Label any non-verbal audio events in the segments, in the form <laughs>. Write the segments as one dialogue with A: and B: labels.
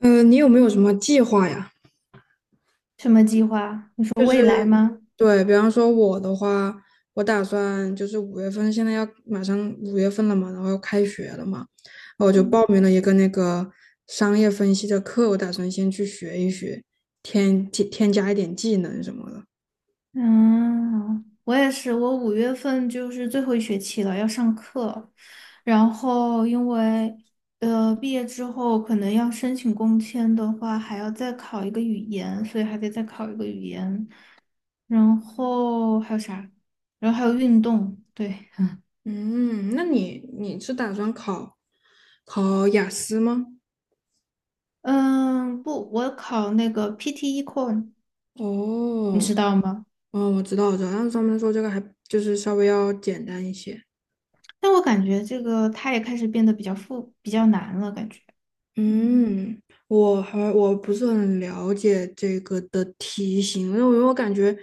A: 你有没有什么计划呀？
B: 什么计划？你说
A: 就
B: 未
A: 是
B: 来吗？
A: 对，比方说我的话，我打算就是五月份，现在要马上五月份了嘛，然后要开学了嘛，然后我就
B: 嗯，
A: 报名了一个那个商业分析的课，我打算先去学一学，添加一点技能什么的。
B: 嗯，我也是。我五月份就是最后一学期了，要上课。然后因为毕业之后可能要申请工签的话，还要再考一个语言，所以还得再考一个语言。然后还有啥？然后还有运动，对。
A: 嗯，那你是打算考考雅思吗？
B: 嗯，不，我考那个 PT e c o r e Core，你
A: 哦，
B: 知道吗？
A: 哦，我知道，我知道，但是他们说这个还就是稍微要简单一些。
B: 但我感觉这个它也开始变得比较比较难了，感觉。嗯。
A: 嗯，我不是很了解这个的题型，因为我感觉，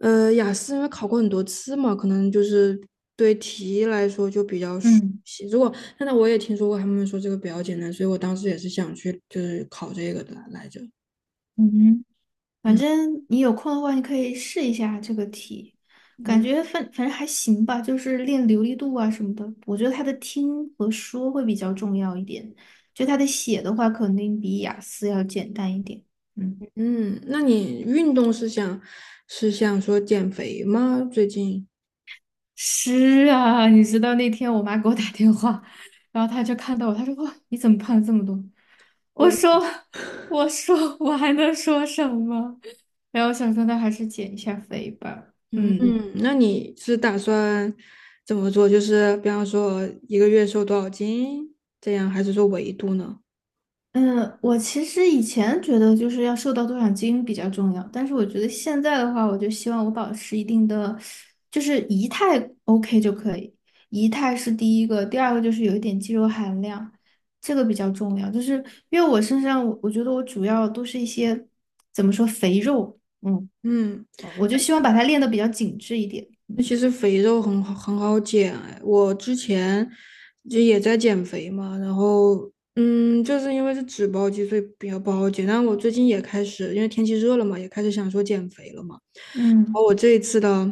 A: 雅思因为考过很多次嘛，可能就是对题来说就比较熟
B: 嗯
A: 悉。如果现在我也听说过他们说这个比较简单，所以我当时也是想去就是考这个的来着。
B: 嗯，反
A: 嗯
B: 正你有空的话，你可以试一下这个题。感
A: 嗯
B: 觉反正还行吧，就是练流利度啊什么的。我觉得他的听和说会比较重要一点，就他的写的话，肯定比雅思要简单一点。嗯，
A: 嗯，那你运动想说减肥吗？最近？
B: 是啊。你知道那天我妈给我打电话，然后她就看到我，她说："哇，你怎么胖了这么多？"我说："我说我还能说什么？" <laughs> 然后想说那还是减一下肥吧。
A: 嗯
B: 嗯。
A: 嗯，那你是打算怎么做？就是比方说一个月瘦多少斤这样，还是说维度呢？
B: 嗯，我其实以前觉得就是要瘦到多少斤比较重要，但是我觉得现在的话，我就希望我保持一定的，就是仪态 OK 就可以。仪态是第一个，第二个就是有一点肌肉含量，这个比较重要。就是因为我身上，我觉得我主要都是一些怎么说肥肉。嗯，
A: 嗯。
B: 我就希望把它练得比较紧致一点。
A: 那
B: 嗯
A: 其实肥肉很好很好减哎，我之前就也在减肥嘛，然后嗯，就是因为是脂包肌，所以比较不好减。但我最近也开始，因为天气热了嘛，也开始想说减肥了嘛。然后
B: 嗯。
A: 我这一次的，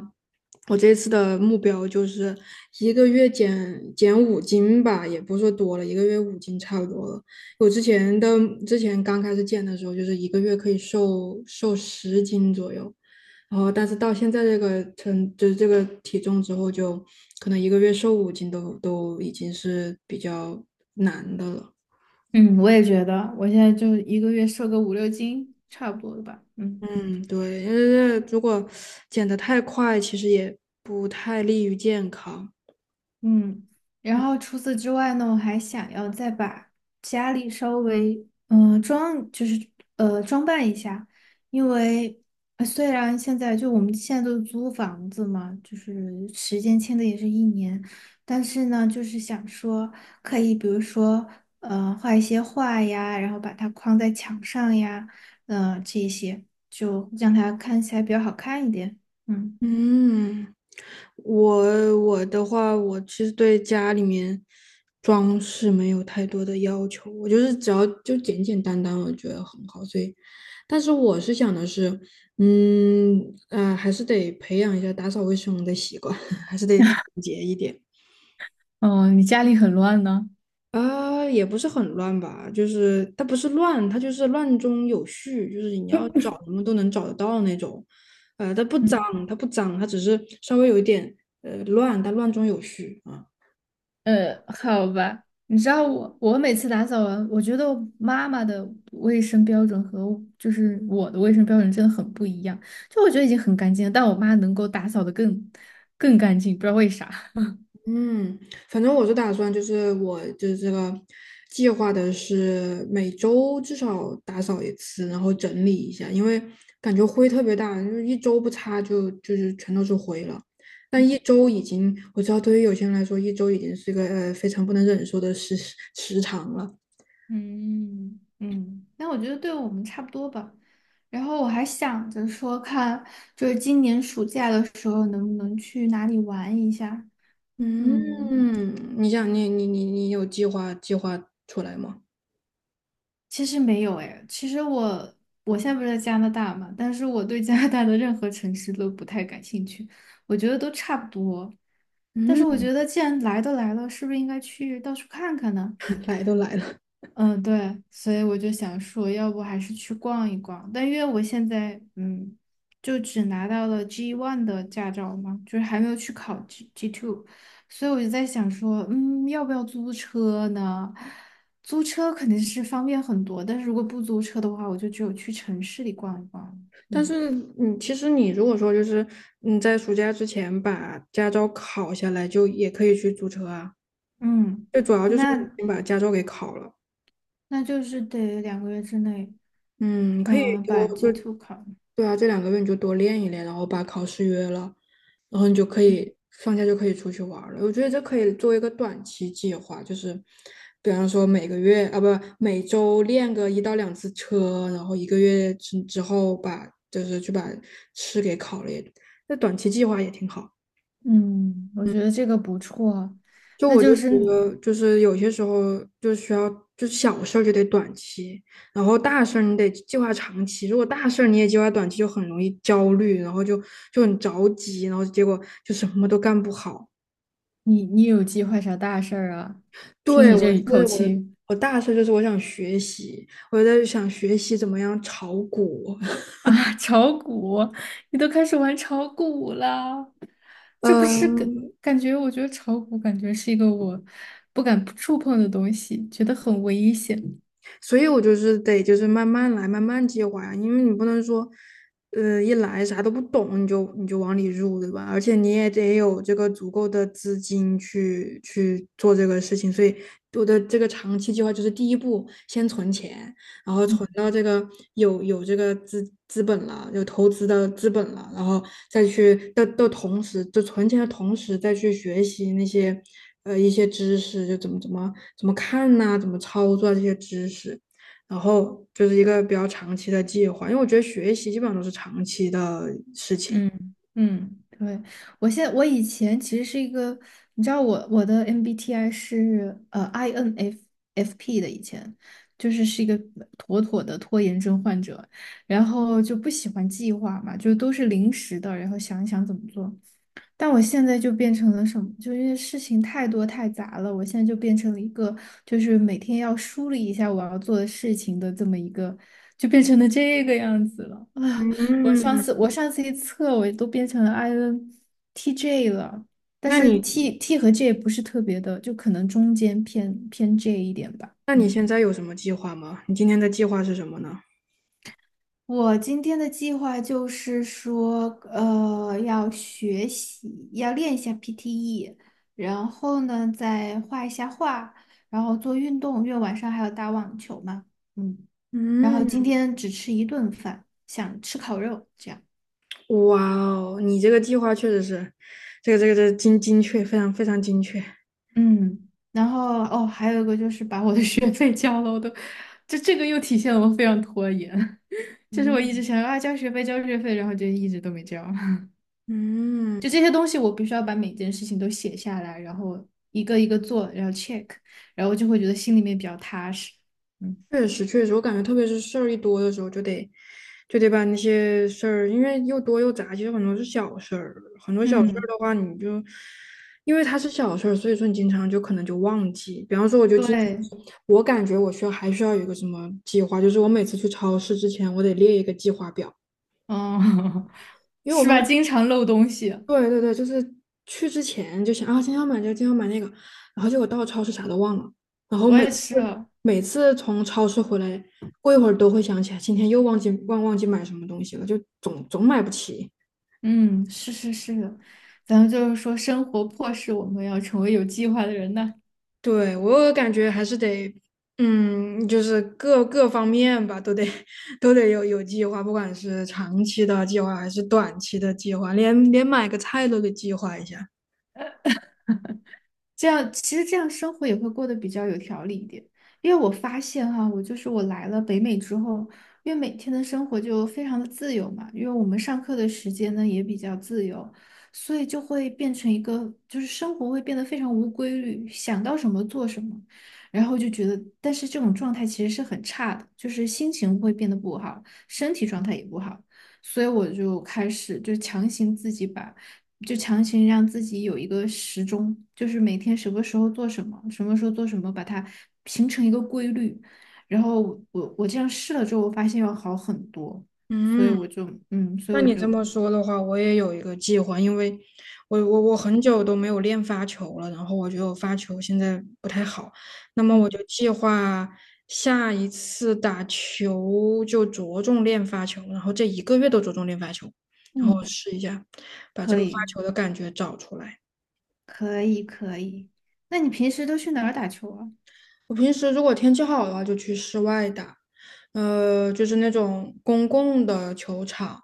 A: 我这一次的目标就是一个月减五斤吧，也不是说多了，一个月五斤差不多了。我之前的之前刚开始减的时候，就是一个月可以瘦10斤左右。然后但是到现在这个称，就是这个体重之后，就可能一个月瘦五斤都已经是比较难的了。
B: 嗯我也觉得，我现在就1个月瘦个5、6斤，差不多了吧？嗯。
A: 嗯，对，因为如果减得太快，其实也不太利于健康。
B: 嗯，然后除此之外呢，我还想要再把家里稍微就是装扮一下。因为虽然现在就我们现在都是租房子嘛，就是时间签的也是1年，但是呢，就是想说可以。比如说画一些画呀，然后把它框在墙上呀，这一些就让它看起来比较好看一点。嗯。
A: 嗯，我的话，我其实对家里面装饰没有太多的要求，我就是只要就简简单单，我觉得很好。所以，但是我是想的是，嗯，还是得培养一下打扫卫生的习惯，<laughs> 还是得节一点。
B: 哦，你家里很乱呢。
A: 啊，也不是很乱吧，就是它不是乱，它就是乱中有序，就是你要
B: <laughs>
A: 找什么都能找得到那种。呃，它不脏，
B: 嗯
A: 它不脏，它只是稍微有一点乱，但乱中有序啊。
B: 好吧。你知道我，我每次打扫完，我觉得我妈妈的卫生标准和我就是我的卫生标准真的很不一样。就我觉得已经很干净了，但我妈能够打扫的更干净，不知道为啥。
A: 嗯，反正我是打算，就是我就是这个计划的是每周至少打扫一次，然后整理一下，因为感觉灰特别大，就是一周不擦就就是全都是灰了。但一周已经，我知道对于有些人来说，一周已经是一个非常不能忍受的时长了。
B: 嗯嗯，那我觉得对我们差不多吧。然后我还想着说看，就是今年暑假的时候能不能去哪里玩一下。嗯，
A: 嗯，你想你你你你有计划出来吗？
B: 其实没有哎。其实我现在不是在加拿大嘛，但是我对加拿大的任何城市都不太感兴趣，我觉得都差不多。但是我
A: 嗯，
B: 觉得既然来都来了，是不是应该去到处看看呢？
A: <laughs> 来都来了。
B: 嗯，对。所以我就想说，要不还是去逛一逛。但因为我现在，就只拿到了 G1 的驾照嘛，就是还没有去考 G two。所以我就在想说，要不要租车呢？租车肯定是方便很多，但是如果不租车的话，我就只有去城市里逛一逛。
A: 但
B: 嗯
A: 是，你其实你如果说就是你在暑假之前把驾照考下来，就也可以去租车啊。
B: 嗯，
A: 最主要就是你
B: 那
A: 先把驾照给考了。
B: 那就是得2个月之内，
A: 嗯，可以多
B: 把
A: 就
B: G two 考了。
A: 对啊，这两个月你就多练一练，然后把考试约了，然后你就可以放假就可以出去玩儿了。我觉得这可以作为一个短期计划，就是比方说每个月啊不每周练个1到2次车，然后一个月之后把就是去把试给考了也，那短期计划也挺好。
B: 嗯，我觉得这个不错。
A: 就
B: 那
A: 我就
B: 就
A: 觉
B: 是
A: 得，就是有些时候就需要，就是小事儿就得短期，然后大事儿你得计划长期。如果大事儿你也计划短期，就很容易焦虑，然后就就很着急，然后结果就什么都干不好。
B: 你有计划啥大事儿啊？听
A: 对，
B: 你这一口气
A: 我大事就是我想学习，我在想学习怎么样炒股。<laughs>
B: 啊。<laughs> 炒股，你都开始玩炒股了，这不是
A: 嗯，
B: 感觉？我觉得炒股感觉是一个我不敢触碰的东西，觉得很危险。
A: 所以我就是得就是慢慢来，慢慢计划呀，因为你不能说，呃，一来啥都不懂你就你就往里入，对吧？而且你也得有这个足够的资金去去做这个事情，所以我的这个长期计划就是第一步先存钱，然后存到这个有这个资本了，有投资的资本了，然后再去的同时，就存钱的同时再去学习那些一些知识，就怎么看呐、怎么操作这些知识，然后就是一个比较长期的计划，因为我觉得学习基本上都是长期的事情。
B: 嗯嗯，对。我以前其实是一个，你知道我的 MBTI 是INFFP 的。以前就是一个妥妥的拖延症患者，然后就不喜欢计划嘛，就都是临时的，然后想一想怎么做。但我现在就变成了什么？就因为事情太多太杂了，我现在就变成了一个，就是每天要梳理一下我要做的事情的这么一个，就变成了这个样子了。啊，
A: 嗯，
B: 我上次一测，我都变成了 INTJ 了，但
A: 那
B: 是
A: 你
B: T 和 J 不是特别的，就可能中间偏 J 一点吧。
A: 那你
B: 嗯。
A: 现在有什么计划吗？你今天的计划是什么呢？
B: 我今天的计划就是说，要学习，要练一下 PTE，然后呢，再画一下画，然后做运动，因为晚上还要打网球嘛。嗯，然后今
A: 嗯。
B: 天只吃一顿饭，想吃烤肉，这样。
A: 哇哦，你这个计划确实是，这个这个这个精确，非常非常精确。
B: 嗯，然后哦，还有一个就是把我的 <laughs> 学费交了，我都，这个又体现了我非常拖延。<laughs> 就是我一直
A: 嗯
B: 想要啊交学费交学费，然后就一直都没交。
A: 嗯，
B: 就这些东西，我必须要把每件事情都写下来，然后一个一个做，然后 check，然后就会觉得心里面比较踏实。嗯
A: 确实确实，我感觉特别是事儿一多的时候，就得把那些事儿，因为又多又杂，其实很多是小事儿，很多小事儿
B: 嗯，
A: 的话，你就因为它是小事儿，所以说你经常就可能就忘记。比方说，我就经
B: 对。
A: 常，我感觉我需要有一个什么计划，就是我每次去超市之前，我得列一个计划表。
B: 嗯，<laughs>
A: 因为我
B: 是
A: 发
B: 吧？
A: 现
B: 经常漏东西。
A: 对对对，就是去之前就想啊，今天要买这个，今天要买那个，然后结果到超市啥都忘了，然后
B: 我
A: 每
B: 也
A: 次
B: 是。
A: 每次从超市回来，过一会儿都会想起来，今天又忘记买什么东西了，就总买不起。
B: 嗯，是是是的。咱们就是说，生活迫使我们要成为有计划的人呐。
A: 对，我感觉还是得，嗯，就是各方面吧，都得 <laughs> 都得有计划，不管是长期的计划还是短期的计划，连买个菜都得计划一下。
B: 这样其实这样生活也会过得比较有条理一点。因为我发现哈、我就是我来了北美之后，因为每天的生活就非常的自由嘛，因为我们上课的时间呢也比较自由，所以就会变成一个就是生活会变得非常无规律，想到什么做什么，然后就觉得，但是这种状态其实是很差的，就是心情会变得不好，身体状态也不好，所以我就开始就强行自己把。就强行让自己有一个时钟，就是每天什么时候做什么，什么时候做什么，把它形成一个规律。然后我这样试了之后，我发现要好很多。所以
A: 嗯。
B: 我就
A: 那你这么说的话，我也有一个计划，因为我很久都没有练发球了，然后我觉得我发球现在不太好，那么
B: 嗯
A: 我就计划下一次打球就着重练发球，然后这一个月都着重练发球，然后
B: 嗯，
A: 试一下把这
B: 可
A: 个发
B: 以
A: 球的感觉找出来。
B: 可以可以。那你平时都去哪儿打球啊？
A: 我平时如果天气好的话，就去室外打，呃，就是那种公共的球场。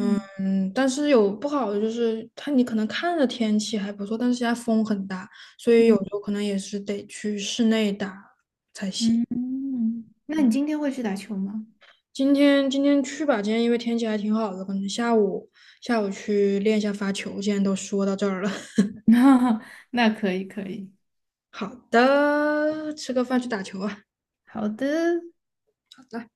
B: 嗯
A: 但是有不好的就是它，你可能看着天气还不错，但是现在风很大，所以有时候可能也是得去室内打才行。
B: 嗯嗯，那
A: 嗯，
B: 你今天会去打球吗？
A: 今天今天去吧，今天因为天气还挺好的，可能下午去练一下发球。既然都说到这儿了，<laughs>
B: <laughs> 那那可以可以。
A: 好的，吃个饭去打球啊。
B: 好的。
A: 好的。